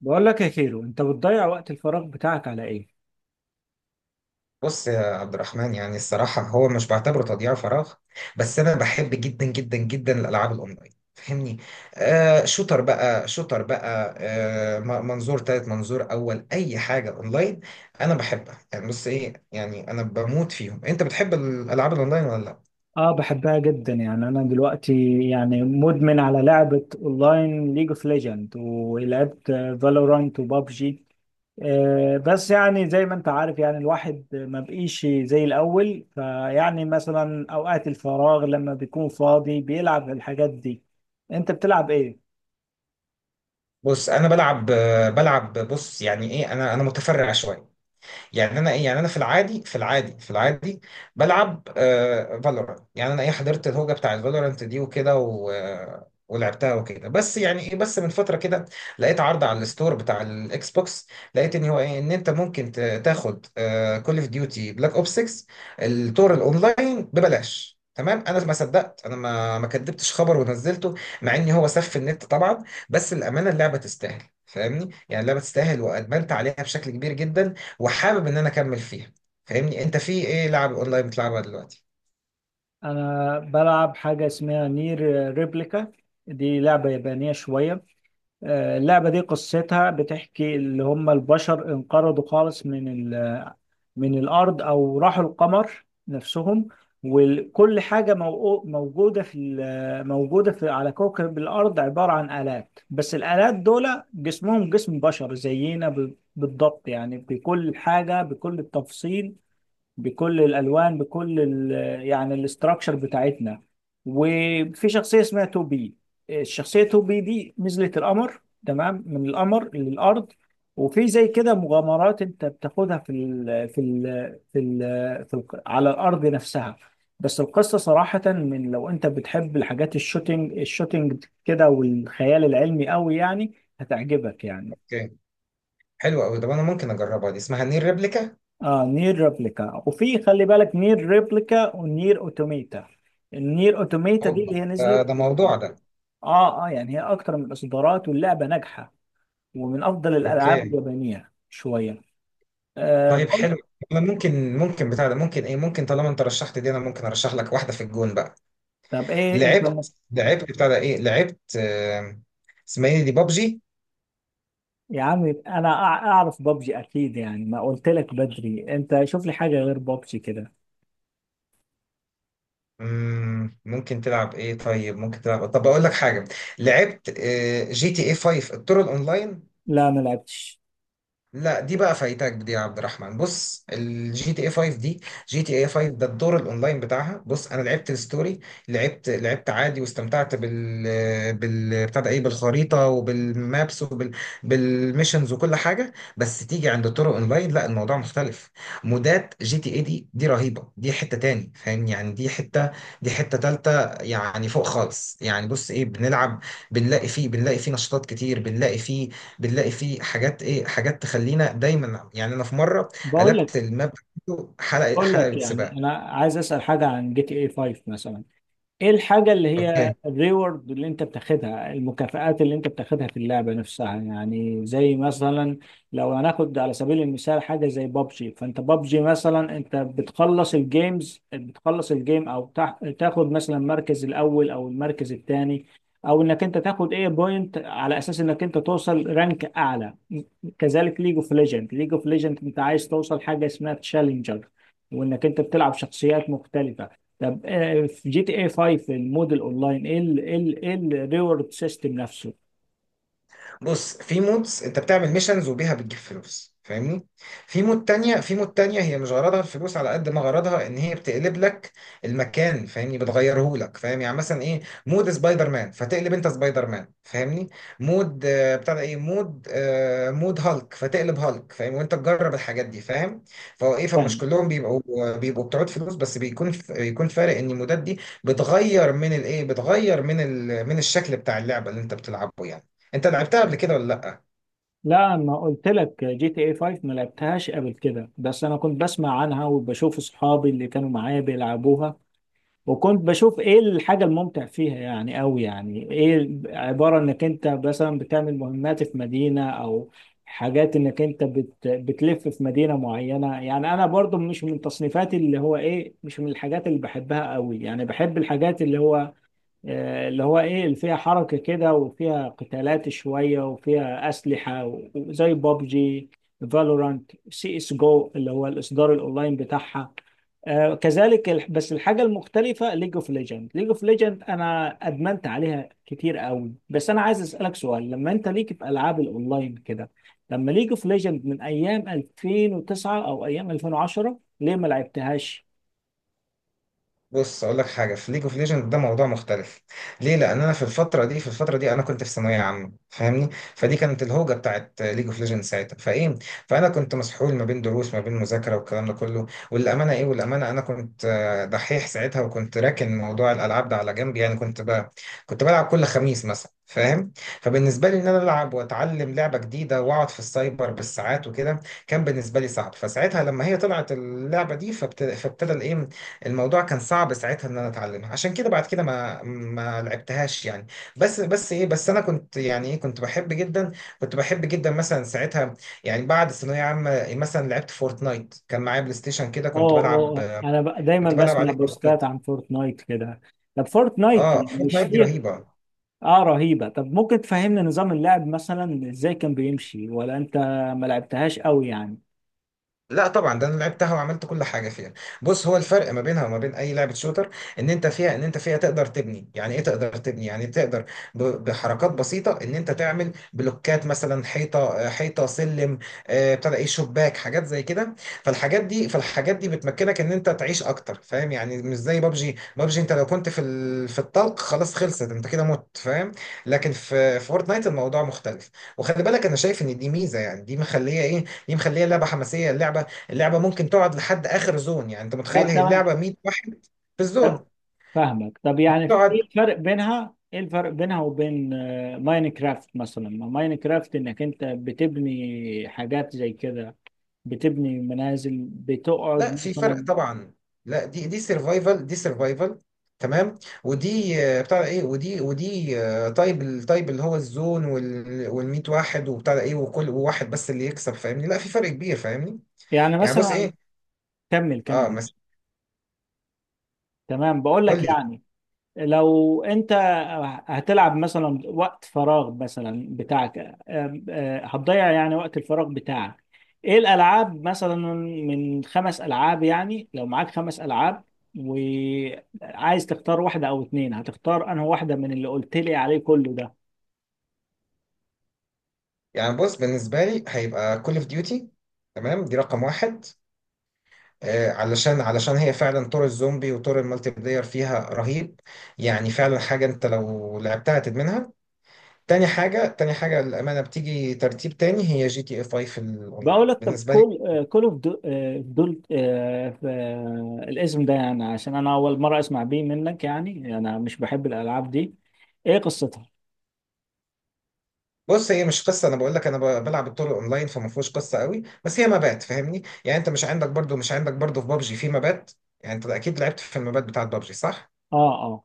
بقول لك يا كيرو، انت بتضيع وقت الفراغ بتاعك على ايه؟ بص يا عبد الرحمن، يعني الصراحة هو مش بعتبره تضييع فراغ. بس أنا بحب جدا جدا جدا الألعاب الأونلاين فاهمني. آه، شوتر بقى منظور تالت منظور أول أي حاجة أونلاين أنا بحبها. يعني بص إيه، يعني أنا بموت فيهم. أنت بتحب الألعاب الأونلاين ولا لأ؟ اه، بحبها جدا، يعني انا دلوقتي يعني مدمن على لعبة اونلاين ليج اوف ليجند، ولعبت فالورانت وبابجي. بس يعني زي ما انت عارف، يعني الواحد ما بقيش زي الاول، فيعني مثلا اوقات الفراغ لما بيكون فاضي بيلعب الحاجات دي. انت بتلعب ايه؟ بص أنا بلعب، بلعب، بص يعني إيه، أنا متفرع شوية. يعني انا ايه، يعني انا في العادي بلعب آه فالورانت. يعني انا ايه، حضرت الهوجه بتاع الفالورانت دي وكده، و ولعبتها وكده. بس يعني ايه، بس من فتره كده لقيت عرض على الستور بتاع الاكس بوكس. لقيت ان هو ايه، ان انت ممكن تاخد كول اوف ديوتي بلاك اوب 6 التور الاونلاين ببلاش. تمام، انا ما صدقت، انا ما كدبتش خبر ونزلته، مع ان هو سف النت طبعا. بس الامانه اللعبه تستاهل فاهمني، يعني اللعبه تستاهل وادمنت عليها بشكل كبير جدا، وحابب ان انا اكمل فيها. فاهمني، انت في ايه لعب اونلاين بتلعبها دلوقتي؟ انا بلعب حاجة اسمها نير ريبليكا. دي لعبة يابانية شوية. اللعبة دي قصتها بتحكي اللي هم البشر انقرضوا خالص من ال... من الأرض، أو راحوا القمر نفسهم. وكل حاجة موجودة في موجودة في على كوكب الأرض عبارة عن آلات، بس الآلات دول جسمهم جسم بشر زينا بالضبط، يعني بكل حاجة، بكل التفصيل، بكل الالوان، بكل يعني الاستراكشر بتاعتنا. وفي شخصيه اسمها توبي. الشخصيه توبي دي نزلت القمر، تمام، من القمر للارض. وفي زي كده مغامرات انت بتاخدها في ال على الارض نفسها. بس القصه صراحه، من لو انت بتحب الحاجات الشوتينج الشوتينج كده والخيال العلمي قوي، يعني هتعجبك يعني. اوكي. حلو قوي ده، انا ممكن اجربها دي، اسمها نير ريبليكا. اه، نير ريبليكا. وفي خلي بالك، نير ريبليكا ونير اوتوميتا. النير اوتوميتا دي اوبا، اللي هي ده, نزلت. ده موضوع ده. اه اه، يعني هي اكتر من الاصدارات، واللعبه ناجحه ومن افضل الالعاب اوكي. اليابانيه شويه. آه طيب حلو. برضه- انا ممكن بتاع ده، ممكن ايه، ممكن طالما انت رشحت دي، انا ممكن ارشح لك واحده في الجون بقى. طب ايه انت. لعبت بتاع ده، ايه لعبت، اسمها ايه دي، بابجي. يا عمي، انا اعرف بابجي اكيد، يعني ما قلت لك بدري، انت شوف لي حاجه غير بابجي كده. ممكن تلعب ايه، طيب ممكن تلعب، طب اقول لك حاجه. لعبت جي تي اي 5 الطرق الاونلاين. لا ما لعبتش. لا دي بقى فايتاك دي يا عبد الرحمن. بص الجي تي اي 5 دي، جي تي اي 5 ده، الدور الاونلاين بتاعها، بص انا لعبت الستوري. لعبت عادي، واستمتعت بال بال بتاع ده ايه، بالخريطه وبالمابس وبال بالميشنز وكل حاجه. بس تيجي عند الطرق اونلاين، لا الموضوع مختلف. مودات جي تي اي دي، دي رهيبه، دي حته تاني فاهم يعني، دي حته تالته. يعني فوق خالص، يعني بص ايه بنلعب، بنلاقي فيه نشاطات كتير، بنلاقي فيه حاجات، ايه حاجات تخلينا دايما. يعني انا في مره بقول لك قلبت الماب بتاعته حلقه بقول لك حلقه يعني سباق. انا عايز اسال حاجه عن جي تي اي 5 مثلا. ايه الحاجة اللي هي اوكي، الريورد اللي انت بتاخدها، المكافآت اللي انت بتاخدها في اللعبة نفسها، يعني زي مثلا لو هناخد على سبيل المثال حاجة زي بابجي، فانت بابجي مثلا انت بتخلص الجيمز، بتخلص الجيم، او تاخد مثلا المركز الاول او المركز الثاني، او انك انت تاخد ايه بوينت على اساس انك انت توصل رانك اعلى. كذلك ليج اوف ليجند، انت عايز توصل حاجة اسمها تشالنجر، وانك انت بتلعب شخصيات مختلفة. طب في جي تي اي 5 الموديل اونلاين، ايه ال الريورد سيستم نفسه؟ بص في مودز انت بتعمل ميشنز وبيها بتجيب فلوس فاهمني. في مود تانية هي مش غرضها الفلوس على قد ما غرضها ان هي بتقلب لك المكان، فاهمني بتغيره لك، فاهم يعني مثلا ايه، مود سبايدر مان فتقلب انت سبايدر مان فاهمني. مود بتاع ده ايه، مود مود هالك، فتقلب هالك فاهم، وانت تجرب الحاجات دي فاهم. فهو ايه، فمش فاهم. كلهم بيبقوا بتعود فلوس، بس بيكون فارق ان المودات دي بتغير من الايه، بتغير من من الشكل بتاع اللعبة اللي انت بتلعبه يعني. انت لعبتها قبل كده ولا لا؟ لا ما قلت لك جي تي اي 5 ما لعبتهاش قبل كده، بس انا كنت بسمع عنها وبشوف اصحابي اللي كانوا معايا بيلعبوها. وكنت بشوف ايه الحاجة الممتع فيها يعني قوي، يعني ايه، عبارة انك انت مثلا بتعمل مهمات في مدينة، او حاجات انك انت بتلف في مدينة معينة. يعني انا برضو مش من تصنيفاتي، اللي هو ايه، مش من الحاجات اللي بحبها قوي، يعني بحب الحاجات اللي هو اللي هو ايه، اللي فيها حركة كده وفيها قتالات شوية وفيها أسلحة، وزي بابجي، فالورانت، سي اس جو اللي هو الإصدار الأونلاين بتاعها. كذلك بس الحاجة المختلفة، ليج اوف ليجند أنا أدمنت عليها كتير قوي. بس أنا عايز أسألك سؤال، لما أنت ليك في ألعاب الأونلاين كده، لما ليج اوف ليجند من أيام 2009 أو أيام 2010، ليه ما لعبتهاش؟ بص اقول لك حاجه، في ليج اوف ليجند ده موضوع مختلف. ليه؟ لان انا في الفتره دي انا كنت في ثانويه عامه فاهمني. فدي كانت الهوجه بتاعت ليج اوف ليجند ساعتها، فايه، فانا كنت مسحول ما بين دروس ما بين مذاكره والكلام ده كله. والامانه ايه، والامانه انا كنت دحيح ساعتها، وكنت راكن موضوع الالعاب ده على جنب. يعني كنت بقى كنت بلعب كل خميس مثلا فاهم. فبالنسبه لي ان انا العب واتعلم لعبه جديده واقعد في السايبر بالساعات وكده، كان بالنسبه لي صعب. فساعتها لما هي طلعت اللعبه دي، فابتدى الايه، الموضوع كان صعب ساعتها ان انا اتعلمها. عشان كده بعد كده ما لعبتهاش يعني. بس ايه، بس انا كنت يعني ايه، كنت بحب جدا، كنت بحب جدا مثلا ساعتها. يعني بعد ثانويه عامه مثلا لعبت فورتنايت، كان معايا بلاي ستيشن كده اه كنت اه بلعب، اه. انا دايما كنت بلعب بسمع عليه بوستات فورتنايت. عن فورتنايت كده. طب فورتنايت اه مش فورتنايت دي فيه؟ رهيبه. اه رهيبة. طب ممكن تفهمنا نظام اللعب مثلا ازاي كان بيمشي، ولا انت ما لعبتهاش قوي يعني؟ لا طبعا، ده انا لعبتها وعملت كل حاجه فيها. بص هو الفرق ما بينها وما بين اي لعبه شوتر، ان انت فيها تقدر تبني، يعني ايه تقدر تبني، يعني تقدر بحركات بسيطه ان انت تعمل بلوكات مثلا، حيطه حيطه سلم، ابتدى ايه شباك، حاجات زي كده. فالحاجات دي بتمكنك ان انت تعيش اكتر فاهم يعني. مش زي بابجي، بابجي انت لو كنت في في الطلق خلاص خلصت، انت كده مت فاهم. لكن في فورتنايت الموضوع مختلف، وخلي بالك انا شايف ان دي ميزه، يعني دي مخليه ايه، دي مخليها اللعبه حماسيه، اللعبه ممكن تقعد لحد اخر زون. يعني انت متخيل، طب هي تمام. اللعبه 100 واحد في ف- الزون فاهمك. طب يعني ايه تقعد. الفرق بينها، وبين ماينكرافت مثلا؟ ما ماينكرافت انك انت بتبني حاجات زي كده، بتبني منازل لا بتقعد في فرق مثلا. طبعا. لا، دي سرفايفل، دي سرفايفل، تمام. ودي بتاع ده ايه، ودي طيب، الطيب اللي هو الزون وال 100 واحد وبتاع ده ايه، وكل واحد بس اللي يكسب فاهمني، لا في فرق كبير فاهمني. يعني يعني بص مثلا. ايه، كمل اه كمل. بس تمام، بقول لك قول لي. يعني، لو انت هتلعب مثلا وقت فراغ مثلا بتاعك، آم، آه، هتضيع يعني وقت الفراغ بتاعك. ايه الالعاب مثلا من خمس العاب؟ يعني لو معاك خمس العاب وعايز تختار واحدة او اتنين، هتختار انهي واحدة من اللي قلت لي عليه كله ده؟ يعني بص بالنسبه لي هيبقى كول اوف ديوتي، تمام دي رقم واحد، علشان علشان هي فعلا طور الزومبي وطور المالتي بلاير فيها رهيب، يعني فعلا حاجة انت لو لعبتها تدمنها. تاني حاجة، للأمانة بتيجي ترتيب تاني، هي جي تي اي 5 في بقول الأونلاين لك، طب بالنسبة لي. كل كول اوف دول، الاسم ده، يعني عشان انا اول مرة اسمع بيه منك، يعني انا مش بحب الالعاب دي. ايه قصتها؟ بص هي مش قصة، أنا بقول لك أنا بلعب الطور الأونلاين، فما فيهوش قصة قوي بس هي مبات فاهمني. يعني أنت مش عندك برضو، في بابجي في مبات. يعني أنت أكيد لعبت في المبات بتاعت بابجي صح؟ اه آه.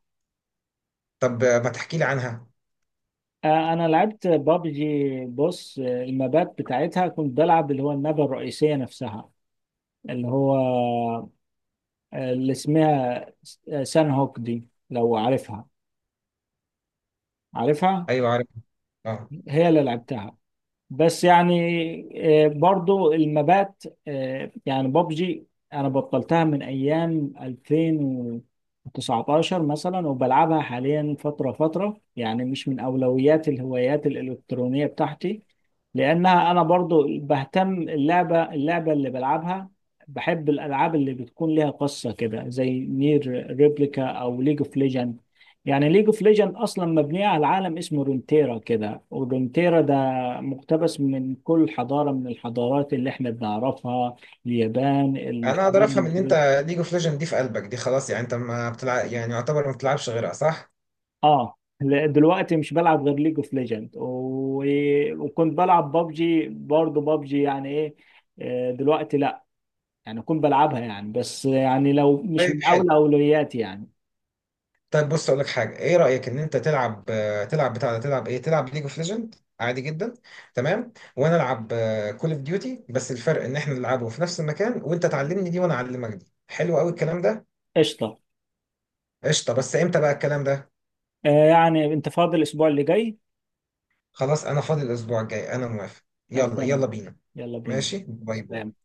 طب ما تحكي لي عنها. انا لعبت بابجي. بص، المابات بتاعتها كنت بلعب اللي هو النبة الرئيسية نفسها، اللي هو اللي اسمها سان هوك، دي لو عارفها. عارفها. أيوه عارف، أه. هي اللي لعبتها. بس يعني برضو المبات. يعني بابجي انا بطلتها من ايام 2019 مثلا، وبلعبها حاليا فترة فترة. يعني مش من اولويات الهوايات الالكترونية بتاعتي، لانها انا برضو بهتم اللعبة، اللي بلعبها. بحب الالعاب اللي بتكون ليها قصة كده، زي نير ريبليكا او ليج اوف ليجند. يعني ليج اوف ليجند اصلا مبنيه على عالم اسمه رونتيرا كده، ورونتيرا ده مقتبس من كل حضارة من الحضارات اللي احنا بنعرفها، اليابان، انا اقدر افهم ان انت ليج اوف ليجند دي في قلبك دي، خلاص يعني انت ما بتلعب، يعني يعتبر ما بتلعبش غيرها صح؟ اه لا، دلوقتي مش بلعب غير ليج اوف ليجند وكنت بلعب بابجي برضه. بابجي يعني ايه، دلوقتي لا. يعني كنت بلعبها يعني، بس يعني لو مش من طيب حلو. اول اولوياتي يعني. طيب بص اقول لك حاجه، ايه رايك ان انت تلعب تلعب بتاع ده، تلعب ايه، تلعب ليج اوف ليجند عادي جدا، تمام، وانا العب كول اوف ديوتي، بس الفرق ان احنا نلعبه في نفس المكان، وانت تعلمني دي وانا اعلمك دي. حلو قوي الكلام ده. قشطة. قشطه، بس امتى بقى الكلام ده؟ يعني انت فاضي الاسبوع اللي جاي؟ خلاص انا فاضي الاسبوع الجاي، انا موافق، طب يلا يلا تمام، بينا. يلا بينا. ماشي، باي سلام. باي.